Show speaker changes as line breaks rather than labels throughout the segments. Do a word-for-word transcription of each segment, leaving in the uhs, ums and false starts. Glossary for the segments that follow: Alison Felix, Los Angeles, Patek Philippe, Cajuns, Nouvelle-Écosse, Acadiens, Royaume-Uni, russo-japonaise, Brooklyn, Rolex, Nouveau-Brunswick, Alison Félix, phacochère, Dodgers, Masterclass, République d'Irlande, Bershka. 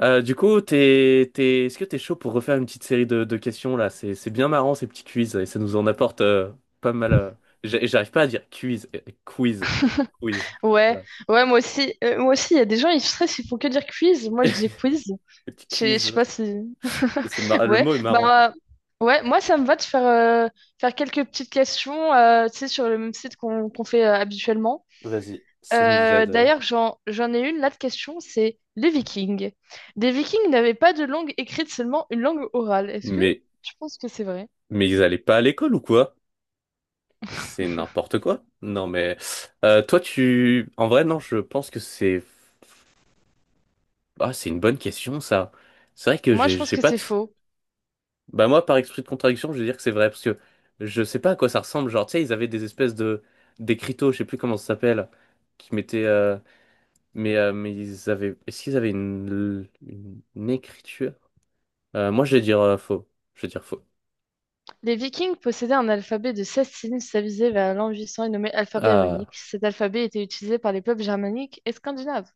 Euh, du coup, t'es, t'es, est-ce que t'es chaud pour refaire une petite série de, de questions là? C'est, c'est bien marrant ces petits quiz et ça nous en apporte euh, pas mal. euh, j'a- J'arrive pas à dire quiz, euh, quiz, quiz.
Ouais,
Voilà.
ouais, moi aussi. Euh, moi aussi, il y a des gens, ils stressent, ils font que dire quiz. Moi, je dis quiz.
Petit
Je sais je sais
quiz.
pas si.
C'est mar- Le
Ouais,
mot est marrant.
bah, ouais, moi, ça me va de faire, euh, faire quelques petites questions, euh, tu sais, sur le même site qu'on qu'on fait euh, habituellement.
Vas-y, ça nous
Euh,
aide. euh.
d'ailleurs, j'en, j'en ai une là de question, c'est les Vikings. Les Vikings n'avaient pas de langue écrite, seulement une langue orale. Est-ce que
Mais,
tu penses que c'est vrai?
mais ils allaient pas à l'école ou quoi? C'est n'importe quoi. Non mais, euh, toi tu, en vrai non, je pense que c'est, ah c'est une bonne question ça. C'est vrai que
Moi,
j'ai,
je pense
j'ai
que
pas de.
c'est faux.
Bah moi, par esprit de contradiction, je vais dire que c'est vrai, parce que je sais pas à quoi ça ressemble. Genre, tu sais, ils avaient des espèces de d'écriteaux, je sais plus comment ça s'appelle, qui mettaient. euh, Mais, euh, mais ils avaient. Est-ce qu'ils avaient une, une, une écriture? Euh, moi, je vais dire euh, faux. Je vais dire faux.
Les Vikings possédaient un alphabet de seize signes stabilisé vers l'an huit cents et nommé alphabet
Ah,
runique. Cet alphabet était utilisé par les peuples germaniques et scandinaves.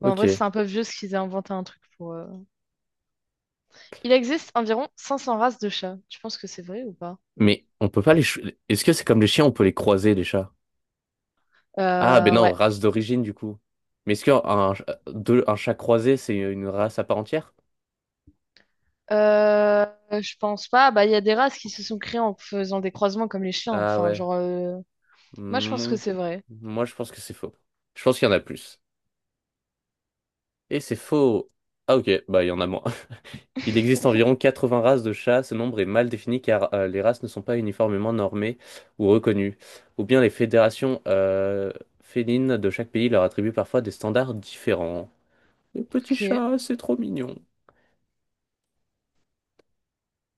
Bon, en vrai,
ok.
c'est un peu vieux ce qu'ils aient inventé un truc pour. euh, Il existe environ cinq cents races de chats. Tu penses que c'est vrai ou pas?
Mais on peut pas les. ch- Est-ce que c'est comme les chiens, on peut les croiser, les chats? Ah, ben
Euh,
non,
ouais.
race d'origine, du coup. Mais est-ce qu'un un, deux- un chat croisé, c'est une race à part entière?
Euh, je pense pas. Bah, il y a des races qui se sont créées en faisant des croisements comme les chiens.
Ah
Enfin,
ouais.
genre. euh, Moi, je pense que
Mm.
c'est vrai.
Moi, je pense que c'est faux. Je pense qu'il y en a plus. Et c'est faux. Ah ok, bah il y en a moins. Il existe environ quatre-vingts races de chats. Ce nombre est mal défini car euh, les races ne sont pas uniformément normées ou reconnues. Ou bien les fédérations euh, félines de chaque pays leur attribuent parfois des standards différents. Les petits
Ok.
chats, c'est trop mignon.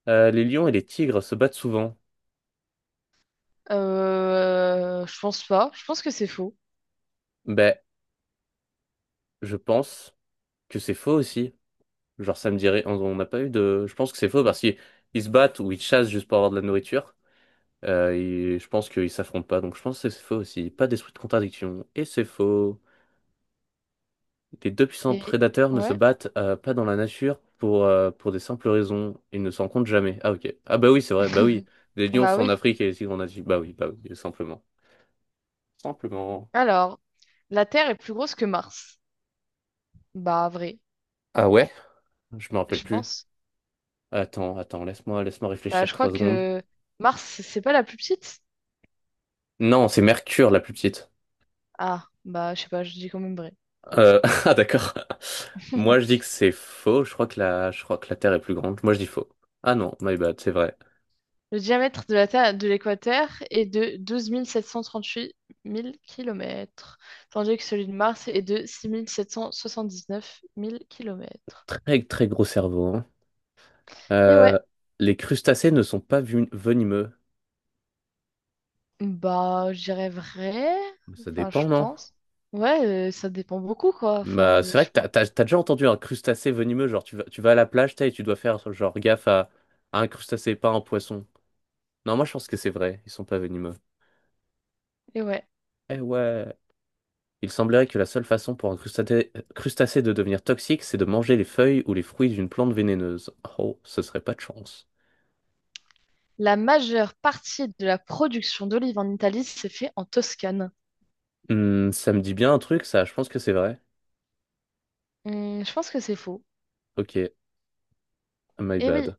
Euh, les lions et les tigres se battent souvent.
Euh, je pense pas. Je pense que c'est faux.
Ben, je pense que c'est faux aussi. Genre ça me dirait, on on n'a pas eu de. Je pense que c'est faux parce qu'ils ils se battent ou ils chassent juste pour avoir de la nourriture. Euh, et je pense qu'ils s'affrontent pas, donc je pense que c'est faux aussi. Pas d'esprit de contradiction. Et c'est faux. Les deux puissants
Les...
prédateurs ne se
Ouais.
battent euh, pas dans la nature pour, euh, pour des simples raisons. Ils ne se rencontrent jamais. Ah ok. Ah bah oui, c'est vrai, bah oui. Les lions
Bah
sont en
oui.
Afrique et les tigres en Asie. Bah oui, bah oui, simplement. Simplement.
Alors, la Terre est plus grosse que Mars. Bah, vrai,
Ah ouais? Je me rappelle
je
plus.
pense.
Attends, attends, laisse-moi laisse-moi
Bah,
réfléchir
je crois
trois secondes.
que Mars, c'est pas la plus petite?
Non, c'est Mercure la plus petite.
Ah, bah, je sais pas, je dis quand même vrai.
Euh, ah d'accord. Moi je dis que c'est faux. Je crois que la je crois que la Terre est plus grande. Moi je dis faux. Ah non, my bad, c'est vrai.
Le diamètre de la Terre de l'équateur est de douze mille sept cent trente-huit mille kilomètres, tandis que celui de Mars est de six mille sept cent soixante-dix-neuf mille kilomètres.
Très, très gros cerveau, hein.
Et ouais,
Euh, les crustacés ne sont pas vu- venimeux.
bah, je dirais vrai.
Ça
Enfin, je
dépend, non?
pense. Ouais, euh, ça dépend beaucoup, quoi. Enfin,
Bah,
y a-
c'est vrai
je
que
pense.
t'as, t'as- t'as déjà entendu un crustacé venimeux, genre tu vas, tu vas à la plage, t'as, et tu dois faire genre gaffe à, à un crustacé, pas un poisson. Non, moi je pense que c'est vrai, ils sont pas venimeux.
Et ouais.
Eh ouais. Il semblerait que la seule façon pour un crustacé, crustacé de devenir toxique, c'est de manger les feuilles ou les fruits d'une plante vénéneuse. Oh, ce serait pas de chance.
La majeure partie de la production d'olives en Italie s'est fait en Toscane.
Hmm, ça me dit bien un truc, ça, je pense que c'est vrai.
Hmm, je pense que c'est faux.
Ok, my
Eh oui,
bad.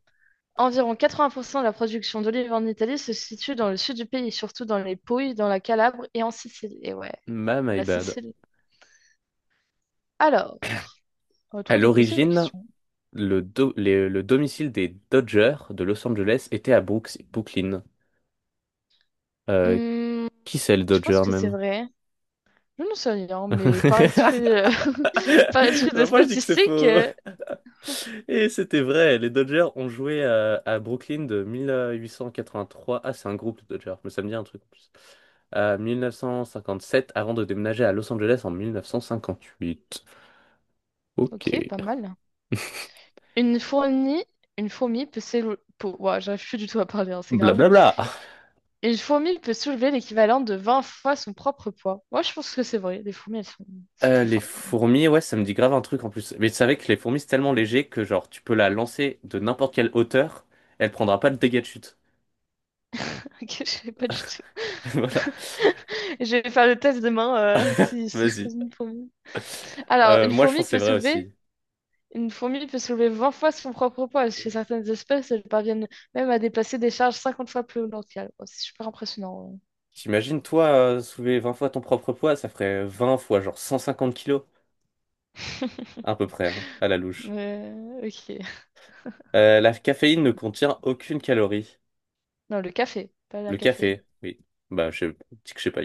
environ quatre-vingts pour cent de la production d'olives en Italie se situe dans le sud du pays, surtout dans les Pouilles, dans la Calabre et en Sicile. Et ouais,
Ma My
la
bad.
Sicile. Alors, à
À
toi de poser la
l'origine,
question.
le, do- les- le domicile des Dodgers de Los Angeles était à Brooks- Brooklyn. Euh,
Hmm,
qui c'est le
je pense
Dodger
que c'est
même?
vrai. Je ne sais rien, mais par esprit, euh, par esprit de
Bah, moi je dis que c'est
statistique,
faux.
euh,
Et c'était vrai, les Dodgers ont joué à, à Brooklyn de mille huit cent quatre-vingt-trois. Ah, c'est un groupe, les Dodgers, mais ça me dit un truc en plus. À mille neuf cent cinquante-sept avant de déménager à Los Angeles en mille neuf cent cinquante-huit. Ok.
ok, pas mal. Une fourmi, une fourmi peut s'éloigner. Ouah, j'arrive plus du tout à parler, hein, c'est grave.
Blablabla.
Une fourmi peut soulever l'équivalent de vingt fois son propre poids. Moi, je pense que c'est vrai. Les fourmis, elles sont, elles sont
Euh,
très
les
fortes quand même.
fourmis, ouais, ça me dit grave un truc en plus. Mais tu savais que les fourmis, c'est tellement léger que genre tu peux la lancer de n'importe quelle hauteur, elle prendra pas le dégât de chute.
Ok, je sais pas du tout.
Voilà.
Je vais faire le test demain euh, si, si je
Vas-y.
pose une fourmi. Alors,
Euh,
une
moi, je
fourmi
pense que c'est
peut
vrai
soulever,
aussi.
une fourmi peut soulever vingt fois son propre poids. Chez certaines espèces, elles parviennent même à déplacer des charges cinquante fois plus lourdes qu'elles. Oh, c'est super impressionnant.
T'imagines, toi, euh, soulever vingt fois ton propre poids, ça ferait vingt fois genre cent cinquante kilos, à peu près, hein, à la
ouais.
louche.
Ouais, ok.
Euh, la caféine ne contient aucune calorie.
Non, le café, pas
Le
la caféine.
café, oui. Bah, je dis que je sais pas.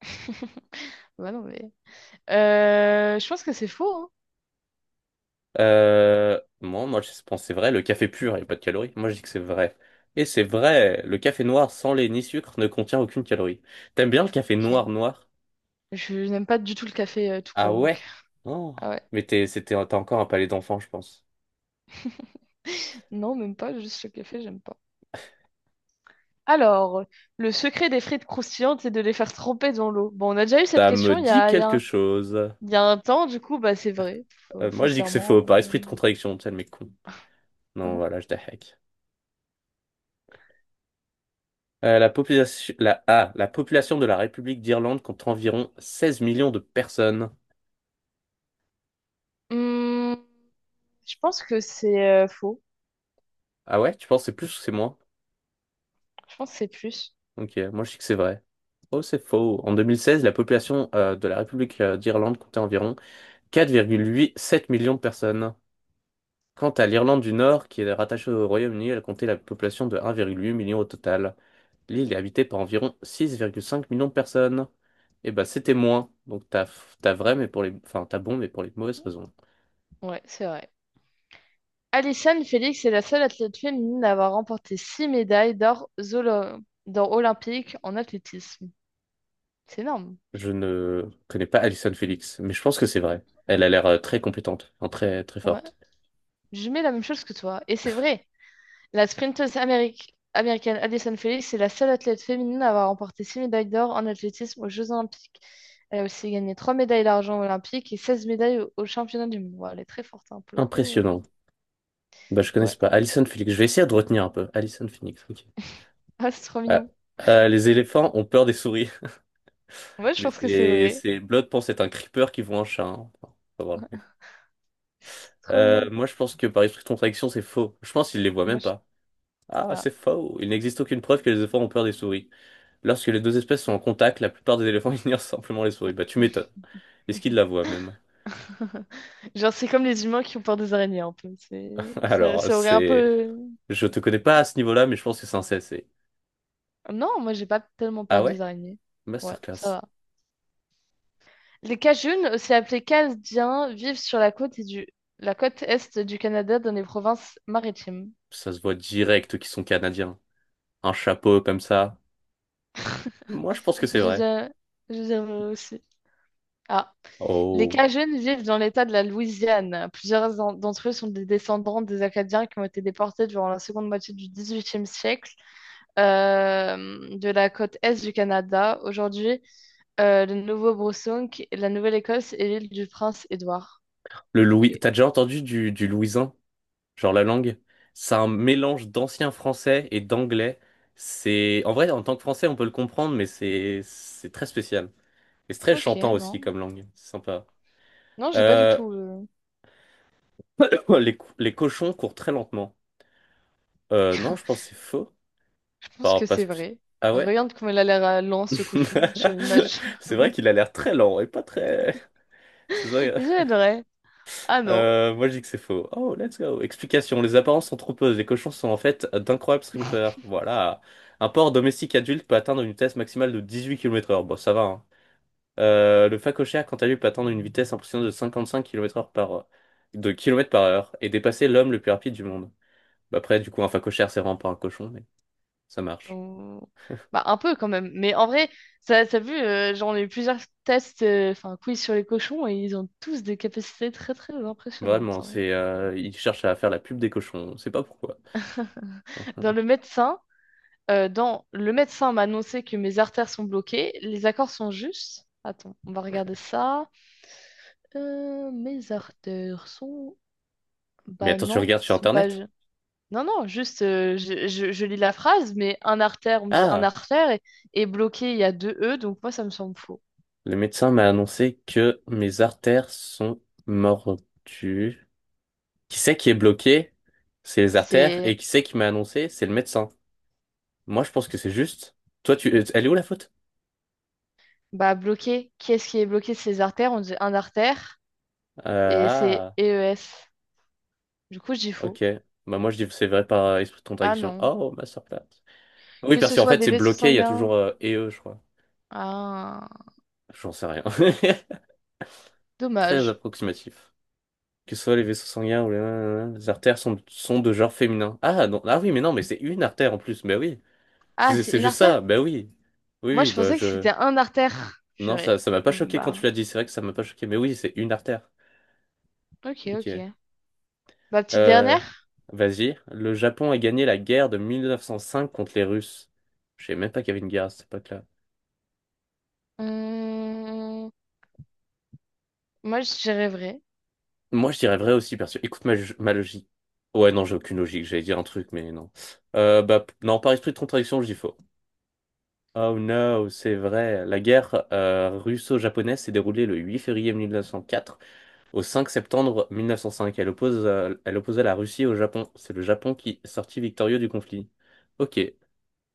Ouais, non, mais... Euh, je pense que c'est faux, hein.
Euh, moi, moi, je pense que c'est vrai. Le café pur, il n'y a pas de calories. Moi, je dis que c'est vrai. Et c'est vrai, le café noir sans lait ni sucre ne contient aucune calorie. T'aimes bien le café
Ok.
noir noir?
Je n'aime pas du tout le café euh, tout
Ah
court. Donc.
ouais? Oh.
Ah ouais.
Mais t'es, c'était, t'as encore un palais d'enfant, je pense.
Non, même pas, juste le café, j'aime pas. Alors, le secret des frites croustillantes, c'est de les faire tremper dans l'eau. Bon, on a déjà eu cette
Ça me
question il y
dit
a, il y a
quelque
un,
chose.
il y a un temps, du coup, bah, c'est vrai,
Euh,
F-
moi, je dis que c'est faux,
foncièrement.
par esprit de contradiction, tu sais, le mec con.
euh.
Non, voilà, je hack. Euh, la population, la, ah, la population de la République d'Irlande compte environ seize millions de personnes.
Hum, je pense que c'est euh, faux.
Ah ouais? Tu penses que c'est plus ou c'est moins?
Je pense que c'est plus.
Ok, moi je sais que c'est vrai. Oh, c'est faux. En deux mille seize, la population euh, de la République euh, d'Irlande comptait environ 4,87 millions de personnes. Quant à l'Irlande du Nord, qui est rattachée au Royaume-Uni, elle comptait la population de 1,8 million au total. L'île est habitée par environ 6,5 millions de personnes. Et bah c'était moins. Donc t'as t'as vrai, mais pour les, enfin t'as bon, mais pour les mauvaises raisons.
Ouais, c'est vrai. Alison Félix est la seule athlète féminine à avoir remporté six médailles d'or zolo- d'or olympique en athlétisme. C'est énorme.
Je ne connais pas Alison Felix, mais je pense que c'est vrai. Elle a l'air euh, très compétente, enfin, très très
Ouais.
forte.
Je mets la même chose que toi. Et c'est vrai. La sprinteuse améric- américaine Addison Felix est la seule athlète féminine à avoir remporté six médailles d'or en athlétisme aux Jeux Olympiques. Elle a aussi gagné trois médailles d'argent olympiques et seize médailles au- aux championnats du monde. Ouah, elle est très forte hein, pour le coup.
Impressionnant. Bah, je
Ouais.
connais
Ouais.
pas. Alison Phoenix. Je vais essayer de retenir un peu. Alison Phoenix. Ok.
Ah, c'est trop
Ah,
mignon.
ah, les éléphants ont peur des souris.
Ouais, je
Mais
pense que c'est
c'est
vrai.
c'est- Blood pense être un creeper qui voit un chat, hein. Enfin, faut voir le mec.
C'est trop
Euh,
mignon.
moi, je pense que par esprit de contradiction, c'est faux. Je pense qu'il les voit même
Moi, je-
pas. Ah,
Ah.
c'est faux. Il n'existe aucune preuve que les éléphants ont peur des souris. Lorsque les deux espèces sont en contact, la plupart des éléphants ignorent simplement les souris. Bah, tu m'étonnes. Est-ce qu'ils la voient même?
Genre, c'est comme les humains qui ont peur des araignées un peu. C'est... Ça,
Alors,
ça aurait un
c'est.
peu...
Je te connais pas à ce niveau-là, mais je pense que c'est un C S C.
Non, moi, j'ai pas tellement
Ah
peur
ouais?
des araignées. Ouais, ça
Masterclass.
va. Les Cajuns, aussi appelés Canadiens, vivent sur la côte, et du... la côte est du Canada dans les provinces maritimes.
Ça se voit direct qu'ils sont canadiens. Un chapeau comme ça. Moi, je pense que c'est
Je
vrai.
dirais, je dirais aussi. Ah. Les
Oh.
Cajuns vivent dans l'État de la Louisiane. Plusieurs en- d'entre eux sont des descendants des Acadiens qui ont été déportés durant la seconde moitié du dix-huitième siècle euh, de la côte est du Canada. Aujourd'hui, euh, le Nouveau-Brunswick, la Nouvelle-Écosse et l'île du Prince-Édouard.
Le
Ok,
Louis. T'as déjà entendu du, du louisin? Genre la langue? C'est un mélange d'ancien français et d'anglais. C'est. En vrai, en tant que français, on peut le comprendre, mais c'est c'est très spécial. Et c'est très
ok,
chantant aussi
non.
comme langue. C'est sympa.
Non, j'ai pas du
Euh,
tout. euh,
Les, co- les cochons courent très lentement. Euh, non, je pense que c'est faux.
Je pense
Enfin.
que
Pas
c'est
sp-
vrai.
Ah ouais?
Regarde comment il a l'air lent, ce cochon, sur l'image.
C'est vrai qu'il a l'air très lent et pas très. C'est vrai.
J'aimerais. Ah non.
Euh, moi, je dis que c'est faux. Oh, let's go. Explication. Les apparences sont trompeuses. Les cochons sont en fait d'incroyables strippers. Voilà. Un porc domestique adulte peut atteindre une vitesse maximale de dix-huit kilomètres heure. Bon, ça va, hein. Euh, le phacochère, quant à lui, peut atteindre une vitesse impressionnante de cinquante-cinq kilomètres heure par, de kilomètres par heure et dépasser l'homme le plus rapide du monde. Bah, après, du coup, un phacochère, c'est vraiment pas un cochon, mais ça marche.
On- Bah, un peu quand même. Mais en vrai, ça, ça a vu, euh, j'en ai eu plusieurs tests, euh, enfin, quiz sur les cochons, et ils ont tous des capacités très, très impressionnantes.
Vraiment,
hein.
c'est, euh, il cherche à faire la pub des cochons. On sait pas pourquoi.
Dans le médecin, euh, dans le médecin m'a annoncé que mes artères sont bloquées, les accords sont justes. Attends, on va regarder ça. Euh, mes artères sont...
Mais
Bah
attends, tu
non,
regardes
ils
sur
sont pas...
Internet?
Non, non, juste, euh, je, je- je lis la phrase, mais un artère, on me dit un
Ah!
artère, et, et bloqué, il y a deux E, donc moi, ça me semble faux.
Le médecin m'a annoncé que mes artères sont mordues. Qui c'est qui est bloqué? C'est les artères. Et
C'est,
qui c'est qui m'a annoncé? C'est le médecin. Moi, je pense que c'est juste. Toi, tu... euh, Elle est où la faute?
bah, bloqué, qui est-ce qui est bloqué c'est les artères? On dit un artère,
Euh,
et c'est
ah,
e e s. Du coup, je dis faux.
ok. Bah moi, je dis que c'est vrai par esprit de
Ah
contradiction.
non.
Oh, ma sœur. Oui,
Que
parce
ce
qu'en
soit
fait,
des
c'est
vaisseaux
bloqué, il y a toujours
sanguins.
euh, et eux, je crois.
Ah,
J'en sais rien. Très
dommage.
approximatif. Que ce soit les vaisseaux sanguins ou les, les artères sont, sont de genre féminin. Ah, non. Ah oui, mais non, mais c'est une artère en plus. Mais oui.
Ah,
C'est
c'est
c'est
une
juste
artère?
ça, ben oui. Oui,
Moi,
oui,
je
bah
pensais que
je.
c'était un artère.
Non, ça,
Purée.
ça m'a pas choqué quand tu
Bah,
l'as dit, c'est vrai que ça m'a pas choqué, mais oui, c'est une artère.
ok,
Ok.
ok. Ma petite
Euh,
dernière?
Vas-y. Le Japon a gagné la guerre de mille neuf cent cinq contre les Russes. Je savais même pas qu'il y avait une guerre à cette époque-là.
Hum, Moi, je dirais vrai.
Moi, je dirais vrai aussi, parce que écoute ma, ma logique. Ouais, non, j'ai aucune logique, j'allais dire un truc, mais non. Euh, bah, p- non, par esprit de contradiction, je dis faux. Oh no, c'est vrai. La guerre euh, russo-japonaise s'est déroulée le huit février mille neuf cent quatre au cinq septembre mille neuf cent cinq, elle oppose, euh, elle opposa la Russie au Japon. C'est le Japon qui sortit victorieux du conflit. Ok,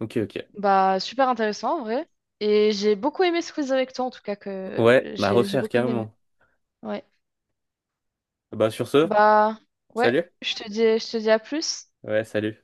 ok, ok.
Bah, super intéressant en vrai. Et j'ai beaucoup aimé ce quiz avec toi, en tout cas, que
Ouais, à
j'ai j'ai
refaire
beaucoup aimé.
carrément.
Ouais.
Bah sur ce,
Bah, ouais,
salut.
je te dis, je te dis à plus.
Ouais, salut.